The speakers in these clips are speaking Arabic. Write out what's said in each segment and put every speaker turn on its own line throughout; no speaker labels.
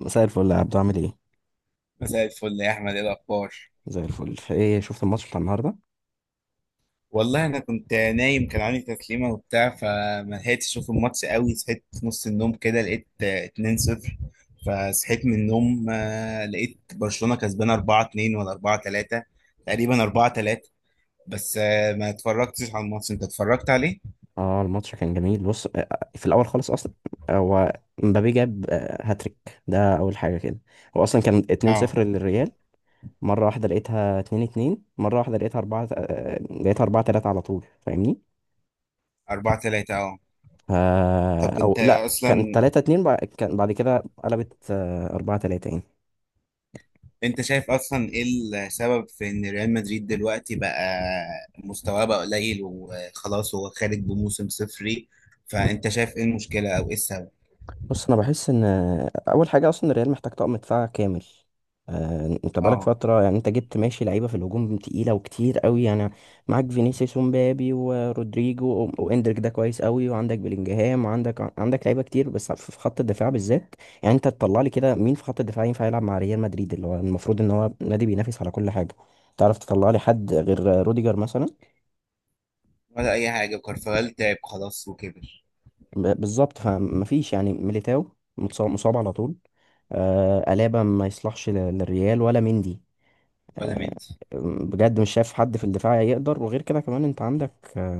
مساء الفل يا عبدو، عامل ايه؟
مساء الفل يا احمد، ايه الاخبار؟
زي الفل. ايه، شفت الماتش بتاع النهارده؟
والله انا كنت نايم، كان عندي تسليمه وبتاع، فما لحقتش اشوف الماتش قوي. صحيت في نص النوم كده لقيت 2-0. فصحيت من النوم لقيت برشلونه كسبانه 4-2 ولا 4-3، تقريبا 4-3. بس ما اتفرجتش على الماتش، انت اتفرجت عليه؟
اه، الماتش كان جميل. بص، في الاول خالص اصلا هو مبابي جاب هاتريك، ده اول حاجه كده. هو اصلا كان
اه،
2-0 للريال. مره واحده لقيتها 2-2، مره واحده لقيتها 4 لقيتها 4-3 على طول، فاهمني.
4-3. اه، طب
او
انت
لا كان
اصلا،
3-2، كان بعد كده قلبت 4-3 يعني.
انت شايف اصلا ايه السبب في ان ريال مدريد دلوقتي بقى مستواه بقى قليل وخلاص، هو خارج بموسم صفري؟ فانت شايف ايه المشكلة او ايه السبب؟
بص، انا بحس ان اول حاجه اصلا الريال محتاج طقم دفاع كامل. انت بقالك
اه،
فتره يعني، انت جبت ماشي لعيبه في الهجوم تقيله وكتير قوي يعني. معاك فينيسيوس ومبابي ورودريجو واندريك، ده كويس قوي، وعندك بلينجهام وعندك لعيبه كتير، بس في خط الدفاع بالذات. يعني انت تطلع لي كده مين في خط الدفاع ينفع يلعب مع ريال مدريد، اللي هو المفروض ان هو نادي بينافس على كل حاجه؟ تعرف تطلع لي حد غير روديجر مثلا؟
ولا اي حاجة. كارفاغال تعب خلاص وكبر،
بالظبط، فمفيش يعني، ميليتاو مصاب على طول. آه، ألابا ما يصلحش للريال، ولا مندي.
ولا
آه،
مندي.
بجد مش شايف حد في الدفاع يقدر. وغير كده كمان انت عندك، آه،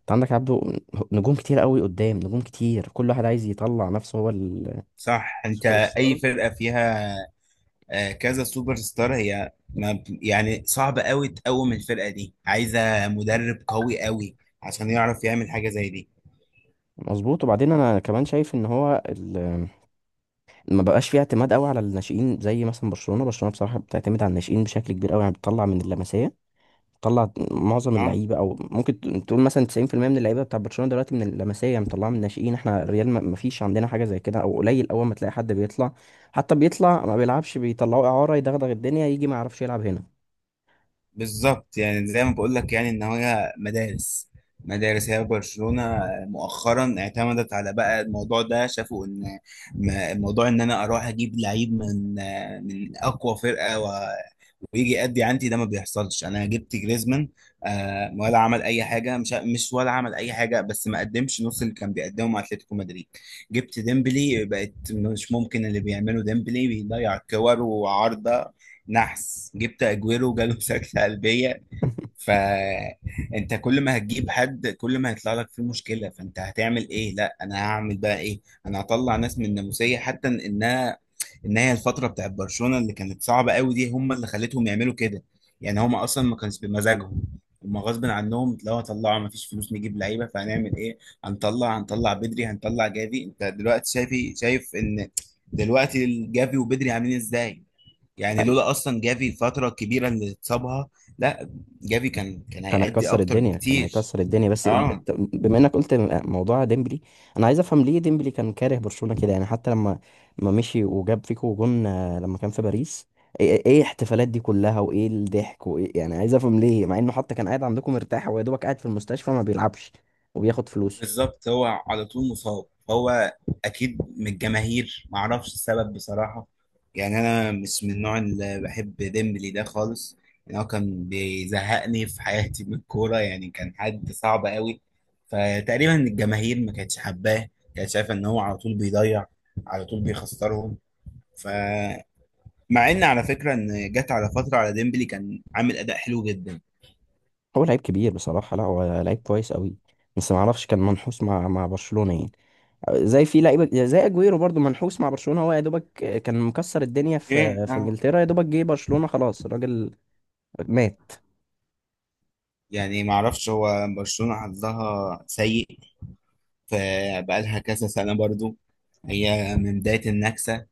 انت عندك، عبده، نجوم كتير قوي قدام، نجوم كتير كل واحد عايز يطلع نفسه هو
صح. انت
السوبر ستار.
اي فرقة فيها كذا سوبر ستار هي ما ب- يعني صعب قوي تقوم. الفرقة دي عايزة مدرب قوي قوي عشان يعرف يعمل حاجة زي دي.
مظبوط. وبعدين انا كمان شايف ان هو، ما بقاش فيه اعتماد قوي على الناشئين، زي مثلا برشلونة بصراحة بتعتمد على الناشئين بشكل كبير قوي يعني، بتطلع من اللمسية، طلع معظم
اه،
اللعيبه. او ممكن تقول مثلا 90% من اللعيبه بتاع برشلونه دلوقتي من اللمسيه يعني، مطلعه من الناشئين. احنا الريال ما فيش عندنا حاجه زي كده، او قليل. اول ما تلاقي حد بيطلع، حتى بيطلع ما بيلعبش، بيطلعوه اعاره يدغدغ الدنيا، يجي ما يعرفش يلعب هنا.
بالظبط. يعني زي ما بقول لك، يعني ان هي مدارس، مدارس. هي برشلونة مؤخرا اعتمدت على بقى الموضوع ده. شافوا ان موضوع ان انا اروح اجيب لعيب من من اقوى فرقة ويجي يأدي عندي، ده ما بيحصلش. انا جبت جريزمان، ولا عمل اي حاجه. مش ولا عمل اي حاجه، بس ما قدمش نص اللي كان بيقدمه مع اتلتيكو مدريد. جبت ديمبلي، بقت مش ممكن اللي بيعمله ديمبلي، بيضيع كور وعارضه. نحس. جبت اجويرو، جاله سكتة قلبية. فانت كل ما هتجيب حد، كل ما هيطلع لك فيه مشكله. فانت هتعمل ايه؟ لا، انا هعمل بقى ايه؟ انا هطلع ناس من الناموسيه. حتى انها ان هي الفتره بتاعت برشلونه اللي كانت صعبه قوي دي هم اللي خلتهم يعملوا كده. يعني هم اصلا ما كانش بمزاجهم، هم غصب عنهم. لو هطلعوا، ما فيش فلوس نجيب لعيبه، فهنعمل ايه؟ هنطلع بدري، هنطلع جافي. انت دلوقتي شايف، شايف ان دلوقتي الجافي وبدري عاملين ازاي؟ يعني لولا اصلا جافي الفتره الكبيره اللي اتصابها، لا، جافي كان
كان
هيأدي
هيكسر
اكتر
الدنيا، كان
بكتير.
هيكسر الدنيا بس
اه،
بما انك قلت موضوع ديمبلي، انا عايز افهم ليه ديمبلي كان كاره برشلونة كده يعني. حتى لما ما مشي وجاب فيكو جون، لما كان في باريس، ايه إيه إيه الاحتفالات دي كلها وايه الضحك وايه يعني. عايز افهم ليه، مع انه حتى كان قاعد عندكم مرتاح ويا دوبك قاعد في المستشفى ما بيلعبش وبياخد فلوسه.
بالظبط. هو على طول مصاب، هو اكيد من الجماهير، معرفش السبب بصراحه. يعني انا مش من النوع اللي بحب ديمبلي ده خالص، يعني هو كان بيزهقني في حياتي من الكوره، يعني كان حد صعب قوي. فتقريبا الجماهير ما كانتش حباه، كانت شايفه ان هو على طول بيضيع، على طول بيخسرهم. ف، مع ان على فكره ان جت على فتره على ديمبلي كان عامل اداء حلو جدا.
هو لعيب كبير بصراحة. لا، هو لعيب كويس قوي. بس ما اعرفش، كان منحوس مع برشلونة يعني. زي في لعيبه زي اجويرو برضو منحوس مع برشلونه. هو يا دوبك كان مكسر الدنيا
ايه،
في
اه.
انجلترا، يا دوبك جه برشلونه، خلاص الراجل مات.
يعني ما اعرفش هو برشلونه حظها سيء، فبقالها كذا سنه برضو. هي من بدايه النكسه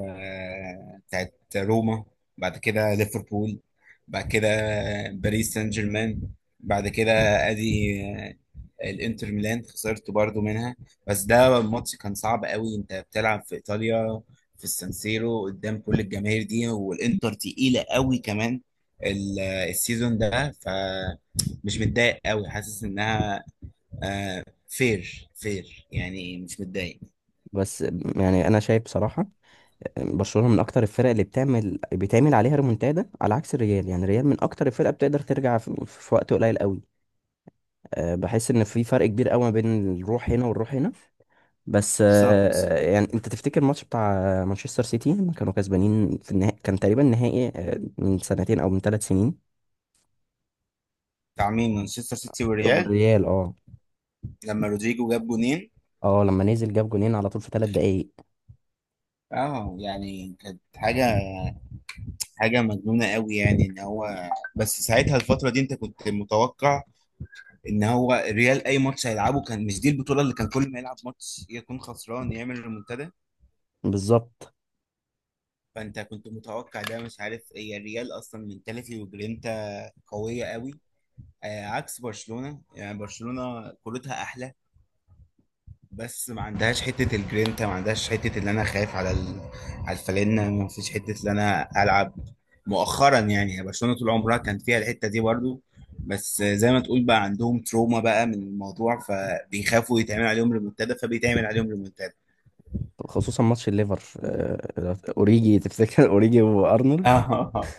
بتاعت روما، بعد كده ليفربول، بعد كده باريس سان جيرمان، بعد كده ادي الانتر ميلان، خسرت برضو منها. بس ده الماتش كان صعب قوي، انت بتلعب في ايطاليا، في السانسيرو، قدام كل الجماهير دي، والانتر تقيلة قوي كمان السيزون ده. فمش متضايق قوي، حاسس انها فير، فير، يعني مش متضايق.
بس يعني انا شايف بصراحه، برشلونه من اكتر الفرق اللي بيتعمل عليها ريمونتادا، على عكس الريال. يعني الريال من اكتر الفرق بتقدر ترجع في وقت قليل قوي. أه، بحس ان في فرق كبير قوي ما بين الروح هنا والروح هنا. بس
بالظبط.
أه، يعني انت تفتكر الماتش بتاع مانشستر سيتي لما كانوا كسبانين في النهائي؟ كان تقريبا نهائي أه، من سنتين او من 3 سنين.
تعميم مانشستر سيتي والريال
والريال، اه.
لما رودريجو جاب جونين؟
اه، لما نزل جاب جونين على طول في 3 دقايق.
اه، يعني كانت حاجة، حاجة مجنونة قوي، يعني ان هو. بس ساعتها الفترة دي انت كنت متوقع ان هو الريال اي ماتش هيلعبه، كان مش دي البطولة اللي كان كل ما يلعب ماتش يكون خسران يعمل ريمونتادا.
بالظبط.
فانت كنت متوقع ده. مش عارف، هي الريال اصلا منتاليتي وجرينتا قوية قوي، آه، عكس برشلونة. يعني برشلونة كورتها احلى، بس ما عندهاش حته الجرينتا، ما عندهاش حته اللي انا خايف على ال، على الفالنه، ما فيش حته اللي انا العب مؤخرا. يعني برشلونه طول عمرها كان فيها الحته دي برضو، بس زي ما تقول، بقى عندهم تروما بقى من الموضوع، فبيخافوا يتعمل عليهم ريمونتادا، فبيتعمل عليهم ريمونتادا.
خصوصا ماتش الليفر، اوريجي. تفتكر اوريجي وارنولد؟
اه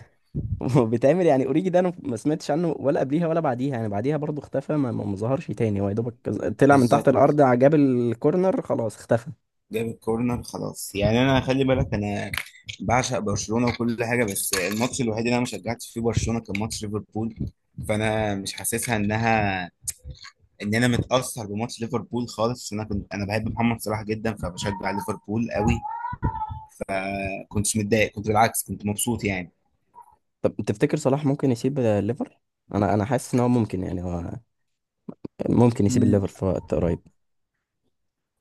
بيتعمل يعني. اوريجي ده انا ما سمعتش عنه ولا قبليها ولا بعديها يعني، بعديها برضو اختفى، ما ظهرش تاني. هو يا دوبك طلع من تحت الارض،
بالظبط.
جاب الكورنر خلاص اختفى.
جاب الكورنر خلاص. يعني انا خلي بالك، انا بعشق برشلونه وكل حاجه، بس الماتش الوحيد اللي انا ما شجعتش فيه برشلونه كان ماتش ليفربول. فانا مش حاسسها انها، ان انا متاثر بماتش ليفربول خالص، إن انا كنت، انا بحب محمد صلاح جدا، فبشجع ليفربول قوي. كنتش متضايق، كنت بالعكس كنت مبسوط يعني.
طب تفتكر صلاح ممكن يسيب الليفر؟ انا حاسس ان هو ممكن يعني. هو ممكن يسيب
مم،
الليفر في وقت قريب.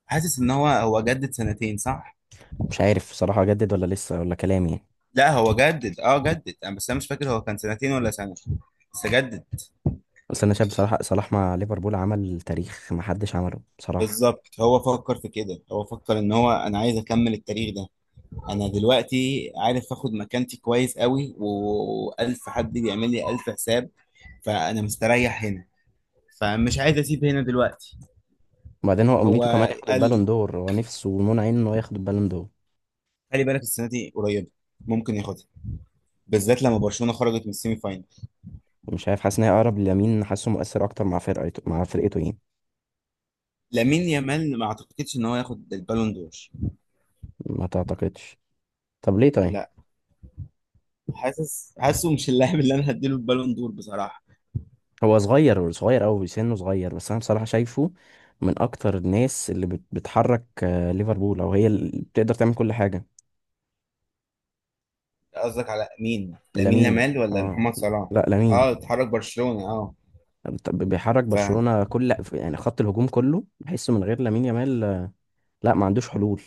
حاسس ان هو، جدد سنتين، صح؟
مش عارف صراحة، اجدد ولا لسه، ولا كلامي يعني.
لا، هو جدد، اه جدد، أنا بس انا مش فاكر هو كان سنتين ولا سنه، بس جدد.
بس انا شايف بصراحة، صلاح مع ليفربول عمل تاريخ ما حدش عمله بصراحة.
بالظبط. هو فكر في كده، هو فكر ان هو، انا عايز اكمل التاريخ ده. انا دلوقتي عارف اخد مكانتي كويس قوي، والف حد بيعمل لي الف حساب، فانا مستريح هنا، فمش عايز اسيب هنا دلوقتي.
وبعدين هو
هو
امنيته كمان ياخد البالون
قال،
دور، هو نفسه ومنون عينه ان هو ياخد البالون دور.
خلي بالك السنه دي قريبه، ممكن ياخدها، بالذات لما برشلونه خرجت من السيمي فاينل.
مش عارف، حاسس ان هي اقرب لليمين، حاسه مؤثر اكتر مع فرقته، مع فرقته يعني.
لامين يامال ما اعتقدش ان هو ياخد البالون دور.
ما تعتقدش؟ طب ليه طيب؟
لا، حاسه مش اللاعب اللي انا هديله البالون دور بصراحه.
هو صغير، صغير قوي سنه، صغير. بس انا بصراحه شايفه من اكتر الناس اللي بتحرك، ليفربول، او هي اللي بتقدر تعمل كل حاجه.
قصدك على مين، لامين
لامين.
يامال ولا
اه.
محمد صلاح؟
لا، لامين.
اه، اتحرك برشلونه اه.
طب بيحرك
فهو،
برشلونه، كل يعني خط الهجوم كله بحسه من غير لامين يامال، لا، ما عندوش حلول.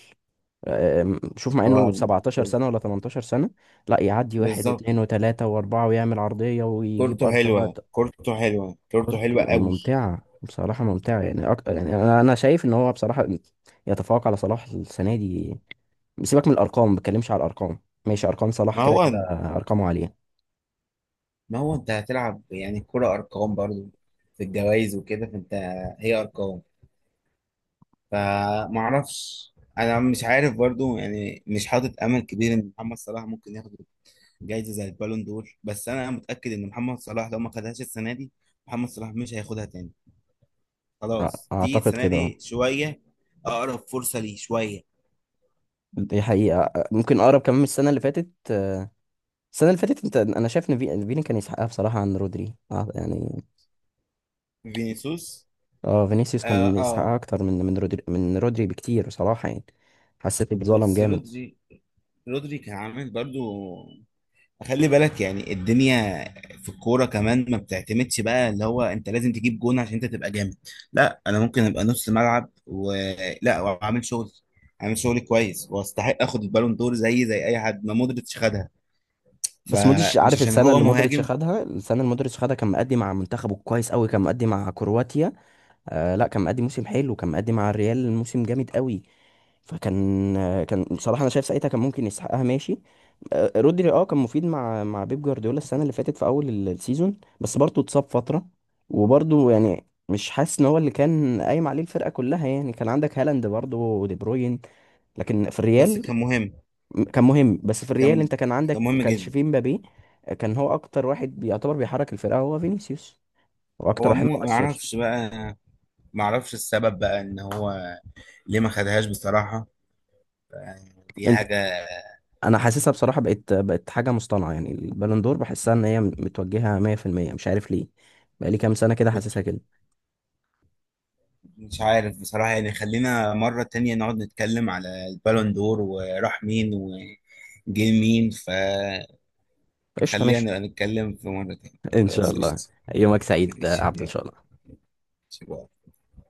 آه، أم، شوف، مع انه 17
ب-
سنة ولا 18 سنة لا، يعدي واحد
بالظبط،
واثنين وثلاثة واربعة ويعمل عرضية ويجيب
كورته حلوه،
ارتوهات.
كورته
كورت
حلوه قوي.
ممتعة بصراحة، ممتعة يعني، يعني انا شايف ان هو بصراحة يتفوق على صلاح السنة دي. سيبك من الارقام، ما بتكلمش على الارقام، ماشي، ارقام صلاح
ما
كده
هو
كده، ارقامه عالية.
ما هو انت هتلعب يعني الكرة ارقام برضو، في الجوائز وكده، فانت، هي ارقام. فمعرفش، انا مش عارف برضو، يعني مش حاطط امل كبير ان محمد صلاح ممكن ياخد جايزه زي البالون دور، بس انا متاكد ان محمد صلاح لو ما خدهاش السنه دي، محمد صلاح مش هياخدها تاني. خلاص دي
اعتقد
السنه
كده
دي
آه.
شويه، اقرب فرصه ليه شويه.
دي حقيقة. ممكن اقرب كمان من السنة اللي فاتت. السنة اللي فاتت انا شايف ان فيني كان يسحقها بصراحة عن رودري يعني.
فينيسيوس.
اه، فينيسيوس
اه،
كان يستحق اكتر من رودري، من رودري بكتير بصراحه يعني. حسيت بظلم
بس
جامد.
رودري، رودري كان عامل برضو. خلي بالك يعني الدنيا في الكورة كمان ما بتعتمدش بقى اللي هو انت لازم تجيب جون عشان انت تبقى جامد. لا، انا ممكن ابقى نص ملعب ولا واعمل شغل، اعمل شغل كويس، واستحق اخد البالون دور زي، زي اي حد، ما مودريتش خدها.
بس مودريتش،
فمش
عارف
عشان
السنه
هو
اللي مودريتش
مهاجم.
خدها؟ السنه اللي مودريتش خدها كان مأدي مع منتخبه كويس قوي، كان مأدي مع كرواتيا. آه، لا، كان مأدي موسم حلو، كان مأدي مع الريال موسم جامد قوي. فكان كان بصراحه انا شايف ساعتها كان ممكن يستحقها، ماشي. آه، رودري، اه، كان مفيد مع بيب جوارديولا السنه اللي فاتت في اول السيزون، بس برضه اتصاب فتره. وبرضه يعني مش حاسس ان هو اللي كان قايم عليه الفرقه كلها يعني، كان عندك هالاند برضه ودي بروين. لكن في
بس
الريال،
كان مهم.
كان مهم. بس في الريال
كان
انت كان
كان
عندك
مهم
كانش
جدا.
فيه مبابي، كان هو اكتر واحد بيعتبر بيحرك الفرقه هو فينيسيوس. هو اكتر
هو
واحد
ما
مؤثر.
اعرفش بقى، ما اعرفش السبب بقى ان هو ليه ما خدهاش بصراحة. يعني دي
انت
حاجة.
انا حاسسها بصراحه، بقت حاجه مصطنعه يعني. البالون دور بحسها ان هي متوجهه 100%. مش عارف ليه، بقالي كام سنه كده حاسسها كده.
مش عارف بصراحة. يعني خلينا مرة تانية نقعد نتكلم على البالون دور وراح مين وجه مين، فخلينا
قشطه، ماشي.
نبقى نتكلم في مرة تانية.
ان شاء
خلاص،
الله.
قشطة.
يومك سعيد يا
ماشي،
عبد، ان
يلا.
شاء الله.
باي.